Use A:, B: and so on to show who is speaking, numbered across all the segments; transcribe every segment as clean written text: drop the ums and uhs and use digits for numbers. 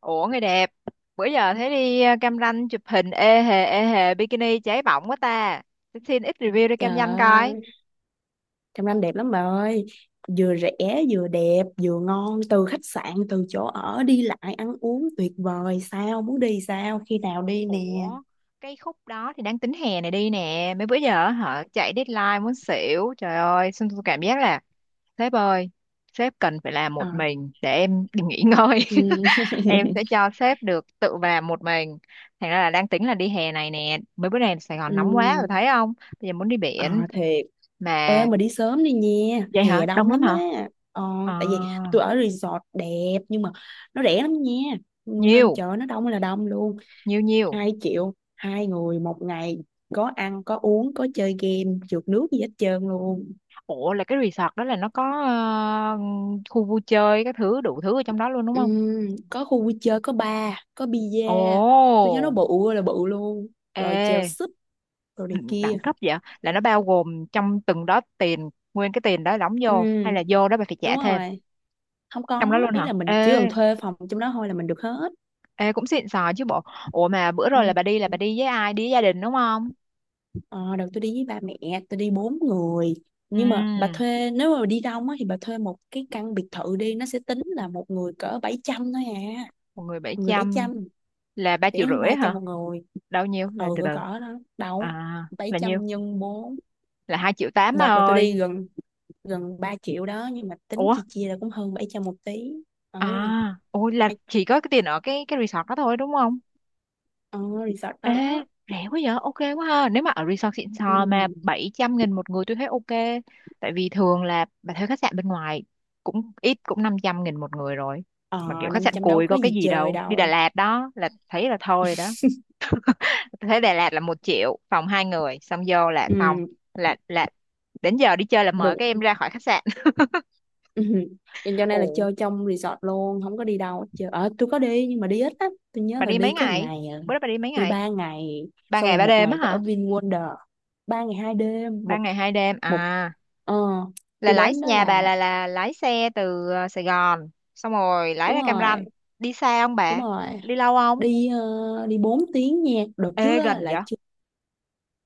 A: Ủa người đẹp, bữa giờ thấy đi Cam Ranh chụp hình ê hề bikini cháy bỏng quá ta. Xin xin ít review đi
B: Trời
A: Cam Ranh coi.
B: ơi, trong Nam đẹp lắm bà ơi. Vừa rẻ, vừa đẹp, vừa ngon. Từ khách sạn, từ chỗ ở, đi lại, ăn uống tuyệt vời. Sao, muốn đi sao, khi nào đi nè.
A: Ủa, cái khúc đó thì đang tính hè này đi nè, mấy bữa giờ hả chạy deadline muốn xỉu. Trời ơi, xong tôi cảm giác là sếp ơi, sếp cần phải làm
B: Ờ,
A: một mình để em đi nghỉ ngơi.
B: ừ.
A: Em sẽ cho sếp được tự làm một mình. Thành ra là đang tính là đi hè này nè, mấy bữa nay Sài Gòn
B: Ừ.
A: nóng quá rồi thấy không? Bây giờ muốn đi
B: Ờ,
A: biển
B: thiệt. Ê,
A: mà
B: mà đi sớm đi nha.
A: vậy hả,
B: Hè đông
A: đông lắm
B: lắm
A: hả.
B: á. Ờ,
A: À,
B: tại vì tôi ở resort đẹp, nhưng mà nó rẻ lắm nha. Ừ, nên
A: nhiều,
B: chợ nó đông là đông luôn.
A: nhiều nhiều.
B: 2 triệu, 2 người 1 ngày. Có ăn, có uống, có chơi game, trượt nước gì hết trơn luôn.
A: Ủa là cái resort đó là nó có khu vui chơi các thứ đủ thứ ở trong đó luôn đúng
B: Ừ,
A: không?
B: có khu vui chơi, có bar, có bia,
A: Ồ,
B: tôi nhớ nó bự ơi là bự luôn, rồi chèo
A: ê,
B: súp rồi này
A: đẳng
B: kia.
A: đẳng cấp vậy. Là nó bao gồm trong từng đó tiền, nguyên cái tiền đó đóng
B: Ừ,
A: vô hay là vô đó bà phải trả
B: đúng
A: thêm?
B: rồi, không,
A: Trong
B: có
A: đó luôn
B: ý
A: hả?
B: là mình chỉ
A: Ê,
B: cần thuê phòng trong đó thôi là mình được hết.
A: ê cũng xịn sò chứ bộ. Ủa mà bữa rồi là
B: Ừ.
A: bà đi, là bà đi với ai? Đi với gia đình đúng không?
B: Ờ, đợt tôi đi với ba mẹ tôi đi 4 người,
A: Ừ,
B: nhưng mà bà thuê, nếu mà đi đông á, thì bà thuê một cái căn biệt thự đi, nó sẽ tính là một người cỡ 700 thôi à.
A: một người bảy
B: Một người bảy
A: trăm
B: trăm
A: là 3
B: rẻ
A: triệu
B: hơn ba
A: rưỡi
B: trăm
A: hả?
B: một người.
A: Đâu nhiêu? Là
B: Ừ
A: từ từ.
B: cỡ cỡ đó. Đâu,
A: À,
B: bảy
A: là nhiêu?
B: trăm nhân bốn
A: Là 2 triệu 8 bà
B: Đợt mà tôi
A: ơi.
B: đi gần, gần 3 triệu đó, nhưng mà tính
A: Ủa,
B: chia chia là cũng hơn 700 một tí. Ừ,
A: à, ôi là
B: hay
A: chỉ có cái tiền ở cái resort đó thôi đúng không?
B: ừ, resort
A: Ê,
B: đó.
A: rẻ quá vậy, ok quá ha. Nếu mà ở resort xịn sò mà
B: Ừ.
A: 700 nghìn một người tôi thấy ok. Tại vì thường là bà thuê khách sạn bên ngoài cũng ít cũng 500 nghìn một người rồi. Mà
B: Ờ,
A: kiểu khách
B: năm
A: sạn
B: trăm đâu
A: cùi
B: có
A: có cái
B: gì
A: gì
B: chơi
A: đâu, đi Đà
B: đâu.
A: Lạt đó là thấy là thôi rồi đó. Tôi thấy Đà Lạt là một triệu phòng hai người xong vô là
B: Ừ,
A: xong, là đến giờ đi chơi là mời
B: được.
A: các em ra khỏi khách sạn.
B: Ừ. Cho nên là
A: Ủa,
B: chơi trong resort luôn, không có đi đâu hết chơi. Ờ, tôi có đi nhưng mà đi ít lắm, tôi nhớ
A: bà
B: là
A: đi mấy
B: đi có một
A: ngày?
B: ngày à.
A: Bữa đó bà đi mấy
B: Tôi đi
A: ngày?
B: 3 ngày,
A: Ba
B: xong
A: ngày
B: rồi
A: ba
B: một
A: đêm
B: ngày
A: á
B: tôi ở
A: hả?
B: VinWonder. 3 ngày 2 đêm,
A: Ba
B: một,
A: ngày hai đêm
B: một,
A: à?
B: ờ.
A: Là
B: Tôi
A: lái,
B: đến đó
A: nhà bà
B: là
A: là lái xe từ Sài Gòn, xong rồi lái
B: đúng
A: ra Cam
B: rồi,
A: Ranh? Đi xa không
B: đúng
A: bà?
B: rồi.
A: Đi lâu không?
B: Đi, ờ, đi 4 tiếng nha, đợt trước
A: Ê,
B: á,
A: gần
B: là
A: vậy.
B: chưa.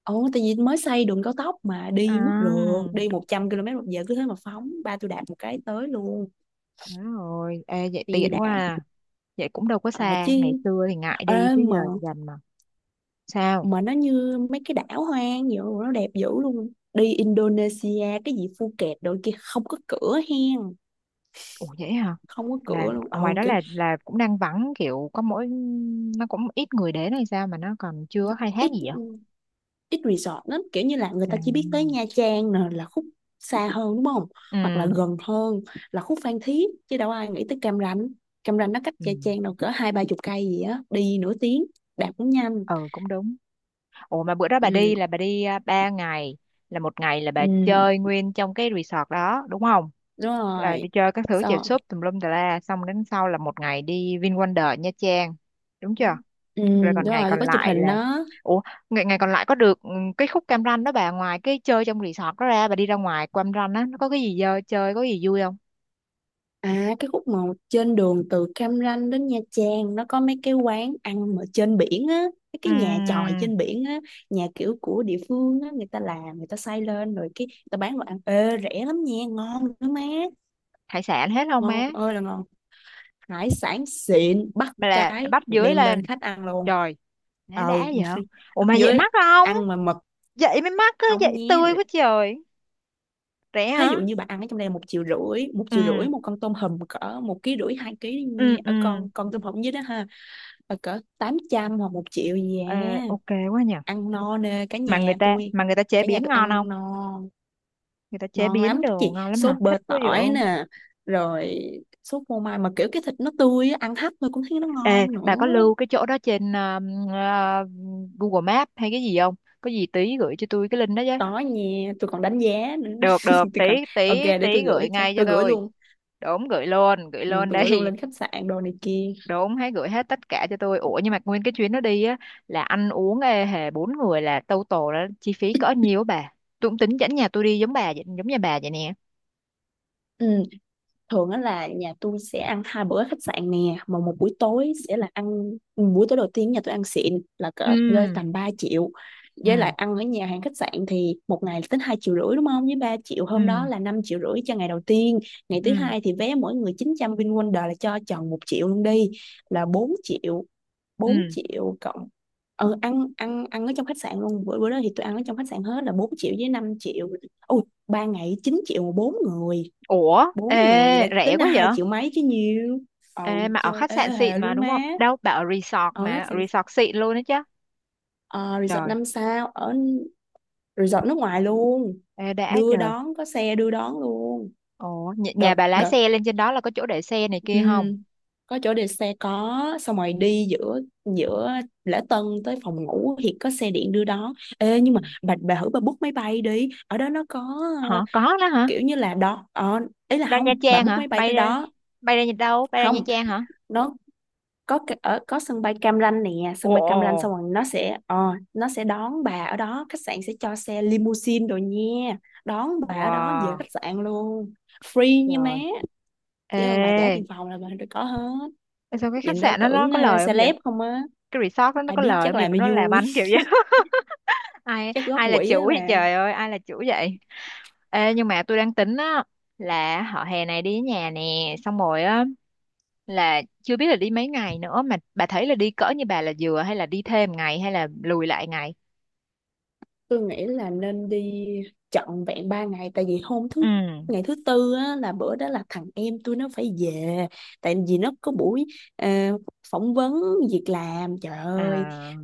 B: Ồ, tại vì mới xây đường cao tốc mà
A: À,
B: đi mất rượt, đi 100 km một giờ cứ thế mà phóng, ba tôi đạp một cái tới luôn.
A: đúng rồi, ê vậy
B: Đi
A: tiện
B: đã.
A: quá à. Vậy cũng đâu có
B: Ờ,
A: xa,
B: chứ.
A: ngày xưa thì ngại
B: Ê,
A: đi chứ giờ dành mà. Sao?
B: mà nó như mấy cái đảo hoang vậy, nó đẹp dữ luôn. Đi Indonesia cái gì Phuket đôi kia không có cửa hen.
A: Ủa vậy hả,
B: Không có
A: là
B: cửa luôn.
A: ngoài
B: Ồ
A: đó
B: kiểu,
A: là cũng đang vắng kiểu có mỗi, nó cũng ít người đến hay sao mà nó còn chưa có khai thác
B: ít,
A: gì vậy?
B: ít resort lắm, kiểu như là người ta chỉ biết tới
A: À,
B: Nha Trang nè, là khúc xa hơn đúng không,
A: ừ,
B: hoặc là gần hơn, là khúc Phan Thiết, chứ đâu ai nghĩ tới Cam Ranh. Cam Ranh nó cách
A: ừ,
B: Nha Trang đâu cỡ hai ba chục cây gì á, đi nửa tiếng, đạp cũng nhanh.
A: ừ, cũng đúng. Ủa mà bữa đó bà
B: Ừ,
A: đi là bà đi à, ba ngày, là một ngày là bà
B: ừ,
A: chơi nguyên trong cái resort đó đúng không?
B: đúng
A: Là đi
B: rồi.
A: chơi các thứ chèo
B: Sao,
A: súp tùm lum tà la, xong đến sau là một ngày đi VinWonder Nha Trang, đúng chưa?
B: ừ
A: Rồi
B: đúng
A: còn ngày
B: rồi,
A: còn
B: có chụp
A: lại
B: hình
A: là.
B: đó.
A: Ủa, ngày còn lại có được, cái khúc Cam Ranh đó bà ngoài cái chơi trong resort đó ra bà đi ra ngoài Cam Ranh á nó có cái gì dơ chơi có gì vui không?
B: À, cái khúc mà trên đường từ Cam Ranh đến Nha Trang nó có mấy cái quán ăn mà trên biển á, mấy cái nhà chòi
A: Ừm,
B: trên biển á, nhà kiểu của địa phương á, người ta làm, người ta xây lên rồi cái người ta bán đồ ăn, ê rẻ lắm nha, ngon nữa má.
A: hải sản hết không
B: Ngon
A: má?
B: ơi là ngon. Hải sản xịn, bắt
A: Bà là
B: cái
A: bắt dưới
B: đem lên
A: lên.
B: khách ăn luôn.
A: Trời, má
B: Ờ.
A: đã vậy. Ủa
B: Ở
A: mà vậy
B: dưới
A: mắc không?
B: ăn mà mực
A: Vậy mới mắc á,
B: không
A: vậy
B: nhé.
A: tươi quá trời. Rẻ
B: Ví dụ
A: hả?
B: như bạn ăn ở trong đây 1,5 triệu, một triệu
A: Ừ,
B: rưỡi một con tôm hùm cỡ 1,5 ký 2 ký đi
A: ừ,
B: nha.
A: ừ.
B: Ở con tôm hùm dưới đó ha, ờ, cỡ 800 hoặc 1 triệu gì
A: Ờ,
B: à.
A: ok quá nhỉ.
B: Ăn no nè cả nhà tôi,
A: Mà người ta chế
B: cả nhà
A: biến
B: tôi
A: ngon
B: ăn
A: không?
B: no.
A: Người ta chế
B: Ngon
A: biến
B: lắm
A: đồ
B: chị,
A: ngon lắm hả,
B: sốt bơ
A: thích quá vậy.
B: tỏi nè, rồi sốt phô mai, mà kiểu cái thịt nó tươi á, ăn hấp thôi cũng thấy nó
A: Ê,
B: ngon nữa.
A: bà có lưu cái chỗ đó trên ờ, Google Maps hay cái gì không? Có gì tí gửi cho tôi cái link đó với.
B: Đó nha, tôi còn đánh giá nữa.
A: Được được
B: Tôi
A: tí,
B: còn, ok
A: tí
B: để tôi
A: tí gửi
B: gửi, cho
A: ngay cho
B: tôi gửi
A: tôi.
B: luôn.
A: Đúng, gửi
B: Ừ,
A: luôn
B: tôi gửi luôn
A: đây.
B: lên khách sạn đồ này kia.
A: Đúng, hãy gửi hết tất cả cho tôi. Ủa nhưng mà nguyên cái chuyến đó đi á là ăn uống ê hề bốn người là total là chi phí cỡ nhiêu á bà? Tôi cũng tính dẫn nhà tôi đi giống bà vậy, giống nhà bà vậy nè.
B: Ừ. Thường á là nhà tôi sẽ ăn 2 bữa ở khách sạn nè, mà một buổi tối sẽ là ăn, buổi tối đầu tiên nhà tôi ăn xịn là cỡ rơi
A: Ừ,
B: tầm 3 triệu. Với
A: ừ,
B: lại ăn ở nhà hàng khách sạn thì 1 ngày là tính 2,5 triệu đúng không, với 3 triệu hôm đó
A: ừ,
B: là 5,5 triệu cho ngày đầu tiên. Ngày thứ
A: ừ,
B: hai thì vé mỗi người 900, VinWonder là cho tròn 1 triệu luôn đi, là 4 triệu.
A: ừ.
B: Bốn triệu cộng, ừ, ăn ăn ăn ở trong khách sạn luôn, bữa bữa đó thì tôi ăn ở trong khách sạn hết là 4 triệu với 5 triệu. Ui, 3 ngày 9 triệu mà 4 người.
A: Ủa,
B: Bốn
A: ê,
B: người vậy là
A: rẻ
B: tính là
A: quá vậy.
B: 2 triệu mấy chứ nhiều. Ồ,
A: Ê, mà ở
B: chơi
A: khách
B: ê
A: sạn
B: hề
A: xịn mà
B: luôn
A: đúng
B: má.
A: không, đâu bà ở resort
B: Ở khách
A: mà, ở
B: sạn,
A: resort xịn luôn đó chứ.
B: ờ, resort
A: Trời,
B: 5 sao, ở resort nước ngoài luôn.
A: ê đã
B: Đưa
A: trời.
B: đón, có xe đưa đón luôn.
A: Ủa, nhà,
B: Được
A: nhà bà lái
B: được.
A: xe lên trên đó là có chỗ để xe này kia không?
B: Ừm, có chỗ để xe, có. Xong rồi đi giữa giữa lễ tân tới phòng ngủ thì có xe điện đưa đón. Ê nhưng
A: Ừ.
B: mà bà thử bà book máy bay đi, ở đó nó có, ờ,
A: Hả, có đó hả?
B: kiểu như là đó, ờ, ý là
A: Đâu, Nha
B: không, bà
A: Trang
B: book
A: hả,
B: máy bay tới
A: bay ra?
B: đó.
A: Bay ra nhà, đâu, bay ra Nha
B: Không,
A: Trang hả?
B: nó có cái- ở có sân bay Cam Ranh nè,
A: Ồ,
B: sân bay Cam Ranh
A: ồ,
B: xong rồi nó sẽ, ờ, nó sẽ đón bà ở đó, khách sạn sẽ cho xe limousine rồi nha, đón bà ở đó về
A: wow,
B: khách sạn luôn, free nha má.
A: trời.
B: Chỉ cần bà trả
A: Ê,
B: tiền phòng là bà được có hết.
A: ê, sao cái khách
B: Nhìn đâu
A: sạn đó nó
B: tưởng, ờ,
A: có lời không vậy?
B: celeb không á.
A: Cái resort đó nó
B: Ai
A: có
B: biết,
A: lời
B: chắc
A: không vậy
B: làm
A: mà
B: nó
A: nó làm
B: vui.
A: ăn kiểu vậy? Ai
B: Chắc góp
A: ai là
B: quỹ
A: chủ
B: á
A: vậy
B: bà.
A: trời ơi, ai là chủ vậy? Ê, nhưng mà tôi đang tính á là họ hè này đi với nhà nè, xong rồi á là chưa biết là đi mấy ngày nữa mà bà thấy là đi cỡ như bà là vừa hay là đi thêm ngày hay là lùi lại ngày?
B: Tôi nghĩ là nên đi trọn vẹn 3 ngày, tại vì hôm
A: Ừ.
B: thứ, ngày thứ tư á, là bữa đó là thằng em tôi nó phải về, tại vì nó có buổi, ờ, phỏng vấn việc làm trời ơi.
A: À,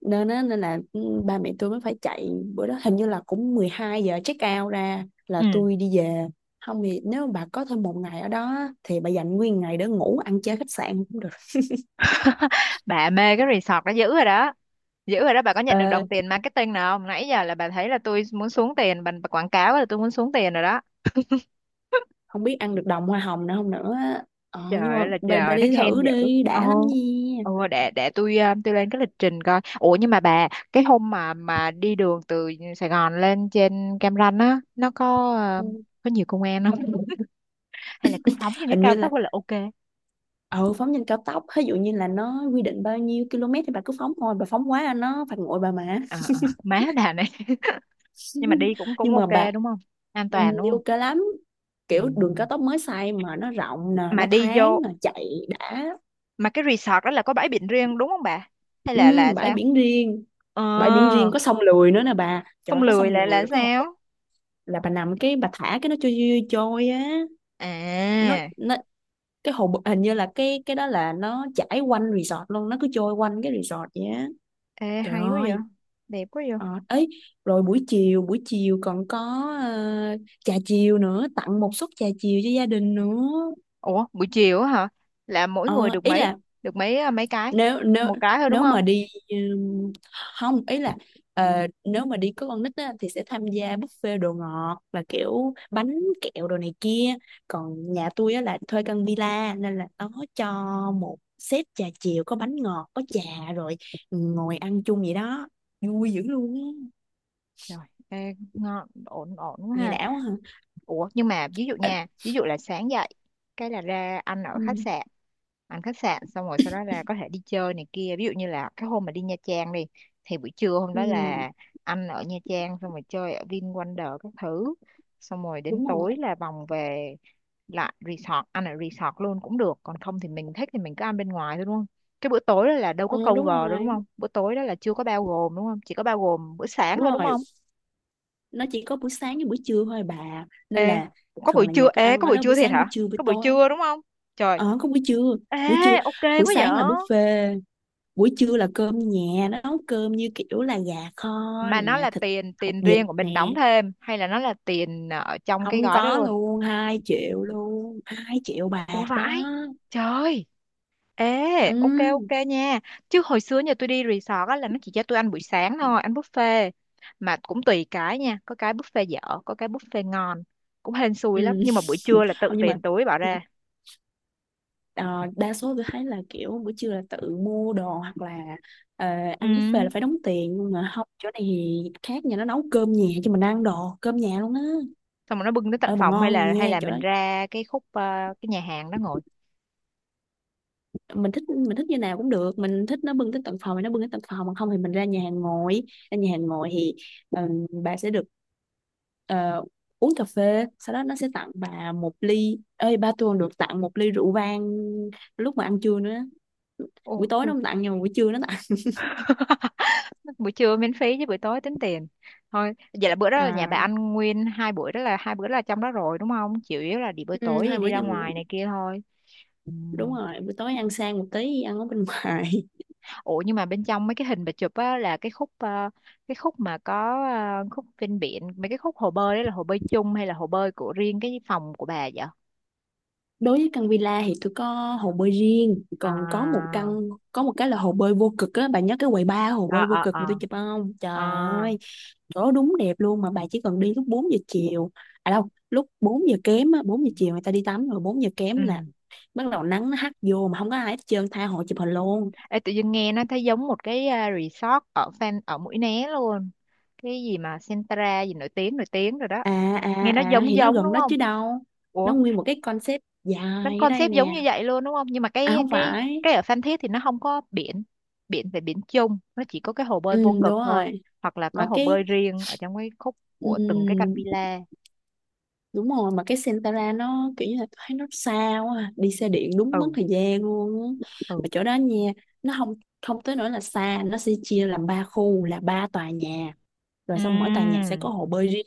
B: Nên á, nên là ừ, ba mẹ tôi mới phải chạy. Bữa đó hình như là cũng 12 giờ check out ra là
A: ừ.
B: tôi đi về. Không thì nếu mà bà có thêm 1 ngày ở đó á, thì bà dành nguyên ngày để ngủ ăn chơi khách sạn cũng được.
A: Bà mê cái resort đó dữ rồi đó. Dữ rồi đó, bà có nhận được
B: Ờ,
A: đồng tiền marketing nào không, nãy giờ là bà thấy là tôi muốn xuống tiền bà quảng cáo là tôi muốn xuống tiền rồi đó.
B: không biết ăn được đồng hoa hồng nữa không nữa á. Ờ, nhưng
A: Trời
B: mà
A: ơi là
B: bà
A: trời, thấy
B: đi
A: khen
B: thử
A: dữ.
B: đi
A: Ồ,
B: đã lắm nha.
A: ồ, để tôi tôi lên cái lịch trình coi. Ủa nhưng mà bà, cái hôm mà đi đường từ Sài Gòn lên trên Cam Ranh á nó có
B: Ừ.
A: có nhiều công an không? Hay là cứ phóng trên cái
B: Hình
A: cao
B: như là,
A: tốc là ok?
B: ừ phóng nhanh cao tốc, ví dụ như là nó quy định bao nhiêu km thì bà cứ phóng thôi, bà phóng quá nó phạt nguội bà mà.
A: Ờ, ờ, má bà này. Nhưng mà đi cũng cũng
B: Nhưng mà
A: ok
B: bà,
A: đúng không, an
B: ừ,
A: toàn đúng
B: đi
A: không?
B: ok lắm,
A: Ừ.
B: kiểu đường cao tốc mới xây mà nó rộng nè,
A: Mà
B: nó
A: đi
B: thoáng
A: vô.
B: nè, chạy đã.
A: Mà cái resort đó là có bãi biển riêng đúng không bà? Hay là
B: Ừ,
A: là
B: bãi
A: sao?
B: biển riêng,
A: Ờ,
B: bãi biển riêng, có sông lười nữa nè bà, trời
A: không
B: ơi, có
A: lười
B: sông
A: lại
B: lười
A: là
B: rồi có hồ bơi.
A: sao?
B: Là bà nằm cái bà thả cái nó trôi trôi trôi á.
A: À,
B: Nó cái hồ bơi- hình như là cái đó là nó chảy quanh resort luôn, nó cứ trôi quanh cái resort vậy á.
A: ê,
B: Trời
A: hay quá vậy.
B: ơi.
A: Đẹp quá vậy.
B: Ờ, ấy rồi buổi chiều, còn có, ờ, trà chiều nữa, tặng một suất trà chiều cho gia đình nữa.
A: Ủa, buổi chiều á hả? Là mỗi người
B: Ờ,
A: được
B: ý
A: mấy?
B: là
A: Được mấy à, mấy cái?
B: nếu nếu,
A: Một cái thôi đúng
B: nếu mà
A: không?
B: đi, không, ý là, ờ, nếu mà đi có con nít á, thì sẽ tham gia buffet đồ ngọt là kiểu bánh kẹo đồ này kia. Còn nhà tôi á, là thuê căn villa nên là nó cho một set trà chiều có bánh ngọt có trà, rồi ngồi ăn chung vậy đó, vui dữ luôn á.
A: Rồi, ê, ngon, ổn ổn quá
B: Nghe
A: ha.
B: đảo hả?
A: Ủa nhưng mà ví dụ
B: Ờ,
A: nha, ví dụ là sáng dậy, cái là ra ăn ở
B: ừ,
A: khách sạn. Ăn khách sạn xong rồi sau đó là có thể đi chơi này kia. Ví dụ như là cái hôm mà đi Nha Trang đi, thì buổi trưa hôm
B: ừ,
A: đó là ăn ở Nha Trang, xong rồi chơi ở VinWonder các thứ, xong rồi đến
B: đúng rồi.
A: tối là vòng về lại resort, ăn ở resort luôn cũng được. Còn không thì mình thích thì mình cứ ăn bên ngoài thôi đúng không? Cái bữa tối đó là đâu có
B: Ờ,
A: cover
B: đúng
A: đâu đúng
B: rồi.
A: không? Bữa tối đó là chưa có bao gồm đúng không? Chỉ có bao gồm bữa sáng
B: Đúng
A: thôi đúng
B: rồi.
A: không?
B: Nó chỉ có buổi sáng với buổi trưa thôi à bà. Nên
A: Ê,
B: là
A: có
B: thường
A: buổi
B: là nhà
A: trưa,
B: tôi
A: ê,
B: ăn
A: có
B: ở
A: buổi
B: đó buổi
A: trưa thiệt
B: sáng, buổi
A: hả?
B: trưa, buổi
A: Có buổi
B: tối.
A: trưa đúng không? Trời,
B: Ờ, có buổi trưa.
A: ê,
B: Buổi trưa,
A: ok
B: buổi
A: quá vậy.
B: sáng là buffet. Buổi trưa là cơm nhà. Nó nấu cơm như kiểu là gà kho
A: Mà
B: nè,
A: nó là
B: thịt,
A: tiền,
B: hột
A: tiền
B: vịt
A: riêng của
B: nè.
A: mình đóng thêm, hay là nó là tiền ở trong cái
B: Không
A: gói đó
B: có
A: luôn?
B: luôn, 2 triệu luôn. Hai triệu
A: Ủa
B: bạc đó.
A: vãi, trời, ê,
B: Ừ.
A: ok ok nha. Chứ hồi xưa nhà tôi đi resort á là nó chỉ cho tôi ăn buổi sáng thôi, ăn buffet. Mà cũng tùy cái nha, có cái buffet dở, có cái buffet ngon. Cũng hên xui lắm,
B: Ừ.
A: nhưng mà buổi trưa là tự
B: Không nhưng mà,
A: tiền túi bỏ ra.
B: ờ, đa số tôi thấy là kiểu buổi trưa là tự mua đồ hoặc là, ờ,
A: Ừ.
B: ăn buffet là phải đóng tiền, nhưng mà không, chỗ này thì khác, nhà nó nấu cơm nhà cho mình ăn đồ cơm nhà luôn á.
A: Xong rồi nó bưng tới tận
B: Ờ mà
A: phòng hay
B: ngon
A: là
B: nha chỗ
A: mình
B: đó.
A: ra cái khúc cái nhà hàng đó ngồi.
B: Mình thích, mình thích như nào cũng được, mình thích nó bưng tới tận phòng thì nó bưng tới tận phòng, mà không thì mình ra nhà hàng ngồi. Ra nhà hàng ngồi thì, ờ, bà sẽ được, ờ, uống cà phê, sau đó nó sẽ tặng bà một ly, ơi ba tôi còn được tặng một ly rượu vang lúc mà ăn trưa nữa.
A: Ồ,
B: Buổi tối nó
A: được.
B: không tặng, nhưng mà buổi trưa nó tặng.
A: Buổi trưa miễn phí chứ buổi tối tính tiền thôi. Vậy là bữa đó là nhà bà
B: À,
A: ăn nguyên hai buổi đó là hai bữa là trong đó rồi đúng không, chủ yếu là đi buổi
B: ừ,
A: tối thì
B: hai bữa
A: đi ra
B: nhâm,
A: ngoài này kia thôi. Ừ.
B: đúng rồi, buổi tối ăn sang một tí ăn ở bên ngoài.
A: Ủa nhưng mà bên trong mấy cái hình bà chụp á là cái khúc cái khúc mà có khúc ven biển, mấy cái khúc hồ bơi đấy là hồ bơi chung hay là hồ bơi của riêng cái phòng của bà vậy?
B: Đối với căn villa thì tôi có hồ bơi riêng, còn có một
A: À,
B: căn có một cái là hồ bơi vô cực á, bà nhớ cái quầy ba hồ
A: à,
B: bơi vô
A: à,
B: cực
A: à,
B: mà tôi chụp không, trời
A: à,
B: ơi, chỗ đúng đẹp luôn. Mà bà chỉ cần đi lúc 4 giờ chiều, à đâu lúc 4 giờ kém á, 4 giờ chiều người ta đi tắm rồi, bốn giờ
A: ừ.
B: kém là bắt đầu nắng nó hắt vô mà không có ai hết trơn, tha hồ chụp hình luôn.
A: Ê, tự dưng nghe nó thấy giống một cái resort ở fan ở Mũi Né luôn, cái gì mà Centra gì nổi tiếng rồi đó.
B: À à
A: Nghe nó
B: à
A: giống
B: thì nó
A: giống
B: gần
A: đúng
B: đó
A: không?
B: chứ đâu.
A: Ủa,
B: Nó nguyên một cái concept
A: nó
B: dài ở đây
A: concept giống
B: nè.
A: như vậy luôn đúng không, nhưng mà
B: À
A: cái
B: không
A: cái
B: phải.
A: cái ở Phan Thiết thì nó không có biển. Biển về biển chung nó chỉ có cái hồ bơi
B: Ừ
A: vô cực
B: đúng
A: thôi,
B: rồi,
A: hoặc là có
B: mà
A: hồ
B: cái
A: bơi riêng ở trong cái khúc
B: ừ,
A: của từng cái căn villa.
B: đúng rồi, mà cái Sentara nó kiểu như là tôi thấy nó xa quá à. Đi xe điện đúng mất
A: Ừ,
B: thời gian luôn á.
A: ừ.
B: Mà chỗ đó nha, nó không không tới nỗi là xa, nó sẽ chia làm 3 khu là 3 tòa nhà, rồi xong mỗi tòa nhà sẽ có
A: Ừm.
B: hồ bơi riêng,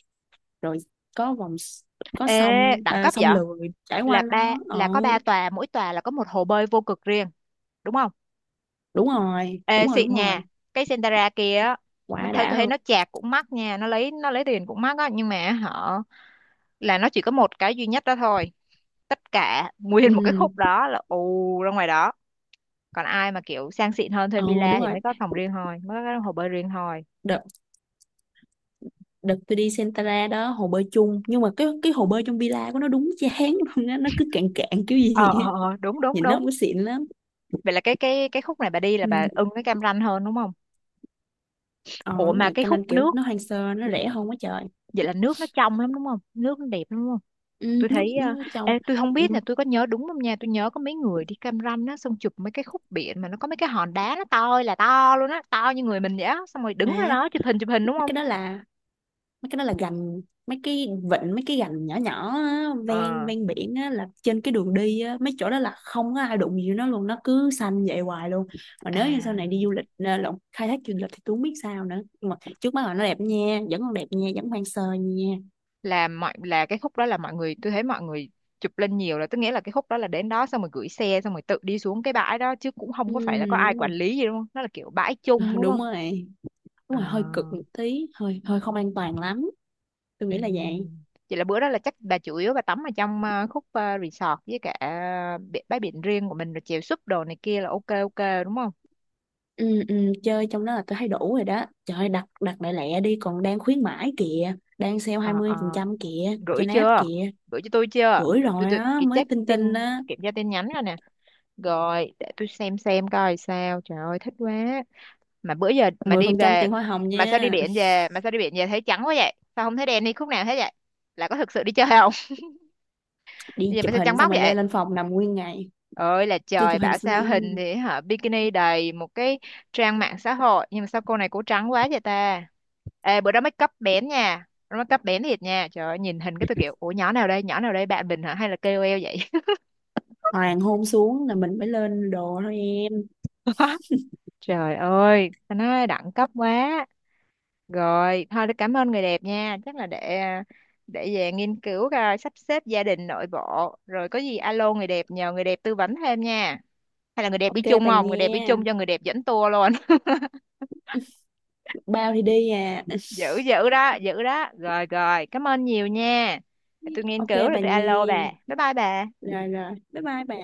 B: rồi có vòng s-, có
A: Ê,
B: sông,
A: đẳng
B: à,
A: cấp
B: sông
A: vậy,
B: lười trải
A: là
B: quanh nó.
A: ba
B: Ờ,
A: là có ba tòa, mỗi tòa là có một hồ bơi vô cực riêng đúng không?
B: đúng rồi,
A: Ê,
B: đúng rồi,
A: xịn
B: đúng
A: nha,
B: rồi.
A: cái Sentara kia á, nó
B: Quá
A: thấy tôi
B: đã
A: thấy
B: luôn.
A: nó chạc cũng mắc nha, nó lấy tiền cũng mắc á, nhưng mà họ là nó chỉ có một cái duy nhất đó thôi, tất cả
B: Ừ
A: nguyên một cái khúc đó là ù ra ngoài đó. Còn ai mà kiểu sang xịn hơn thuê
B: ờ,
A: villa
B: đúng
A: thì
B: rồi.
A: mới có phòng riêng thôi, mới có cái hồ bơi riêng thôi.
B: Đợt tôi đi Sentara đó hồ bơi chung, nhưng mà cái hồ bơi trong villa của nó đúng chán luôn á, nó cứ cạn cạn kiểu gì
A: Ờ,
B: á,
A: ờ, ờ, đúng đúng
B: nhìn nó
A: đúng.
B: không có xịn lắm.
A: Vậy là cái khúc này bà đi là
B: Ừ.
A: bà ưng cái Cam Ranh hơn đúng không?
B: Ờ
A: Ủa
B: đúng
A: mà
B: rồi,
A: cái
B: Cam
A: khúc
B: Ranh kiểu
A: nước,
B: nó hoang sơ, nó rẻ hơn quá trời.
A: vậy là nước nó trong lắm đúng không, nước nó đẹp lắm đúng không?
B: Ừ,
A: Tôi
B: nước
A: thấy
B: nó trong.
A: ê, tôi không
B: Ừ,
A: biết là tôi có nhớ đúng không nha, tôi nhớ có mấy người đi Cam Ranh á xong chụp mấy cái khúc biển mà nó có mấy cái hòn đá nó to ơi là to luôn á, to như người mình vậy á, xong rồi đứng ra
B: mà
A: đó chụp hình đúng
B: mấy
A: không?
B: cái đó là mấy cái đó là gành, mấy cái vịnh mấy cái gành nhỏ nhỏ á, ven
A: Ờ,
B: ven biển á, là trên cái đường đi á, mấy chỗ đó là không có ai đụng gì nó luôn, nó cứ xanh vậy hoài luôn. Mà nếu như sau này đi
A: à,
B: du lịch à, lộn khai thác du lịch thì tôi không biết sao nữa, nhưng mà trước mắt là nó đẹp nha, vẫn còn đẹp nha, vẫn hoang sơ nha.
A: là cái khúc đó là mọi người tôi thấy mọi người chụp lên nhiều là tức nghĩa là cái khúc đó là đến đó xong rồi gửi xe xong rồi tự đi xuống cái bãi đó chứ cũng không
B: Ừ,
A: có phải là có ai
B: đúng
A: quản
B: rồi.
A: lý gì đúng không, nó là kiểu bãi
B: Ờ,
A: chung đúng
B: đúng
A: không?
B: rồi đúng
A: Ờ.
B: rồi, hơi cực một tí, hơi hơi không an toàn lắm, tôi
A: Ừ.
B: nghĩ là vậy.
A: Vậy là bữa đó là chắc bà chủ yếu bà tắm ở trong khúc resort với cả bãi biển riêng của mình rồi chèo súp đồ này kia là ok ok đúng không?
B: Ừ, ừ, chơi trong đó là tôi thấy đủ rồi đó, trời ơi, đặt đặt lại lẹ đi, còn đang khuyến mãi kìa, đang sale hai
A: Ờ
B: mươi
A: ờ,
B: phần trăm kìa cho
A: gửi
B: náp
A: chưa?
B: kìa.
A: Gửi cho tôi chưa?
B: Gửi
A: Để tôi
B: rồi
A: tôi
B: đó,
A: cái
B: mới
A: check
B: tin
A: tin,
B: tin á,
A: kiểm tra tin nhắn rồi nè. Rồi để tôi xem coi sao. Trời ơi thích quá. Mà bữa giờ mà đi
B: trăm
A: về,
B: tiền hoa hồng nha.
A: mà sao đi biển về thấy trắng quá vậy? Sao không thấy đen đi khúc nào hết vậy? Là có thực sự đi chơi không?
B: Đi
A: Bây giờ mà
B: chụp
A: sao trắng
B: hình xong
A: bóc
B: rồi
A: vậy?
B: leo lên phòng nằm nguyên ngày.
A: Ơi là
B: Đi
A: trời,
B: chụp hình
A: bảo
B: xong rồi
A: sao hình thì hả bikini đầy một cái trang mạng xã hội nhưng mà sao cô này cổ trắng quá vậy ta. Ê, bữa đó make up bén nha, bữa đó make up bén thiệt nha, trời ơi nhìn hình cái tôi kiểu ủa nhỏ nào đây bạn mình hả hay là kêu KOL vậy.
B: hoàng hôn xuống là mình mới lên đồ thôi em.
A: Trời ơi ta nói đẳng cấp quá. Rồi thôi tôi cảm ơn người đẹp nha, chắc là để để về nghiên cứu coi sắp xếp gia đình nội bộ, rồi có gì alo người đẹp nhờ người đẹp tư vấn thêm nha. Hay là người đẹp đi
B: Ok
A: chung
B: bà
A: không, người đẹp đi
B: nha,
A: chung cho người đẹp dẫn tour luôn.
B: bao thì đi à.
A: Dữ dữ đó dữ đó, rồi rồi cảm ơn nhiều nha. Tôi nghiên
B: Ok
A: cứu rồi
B: bà
A: tôi
B: nha,
A: alo bà, bye bye bà.
B: rồi rồi bye bye bà.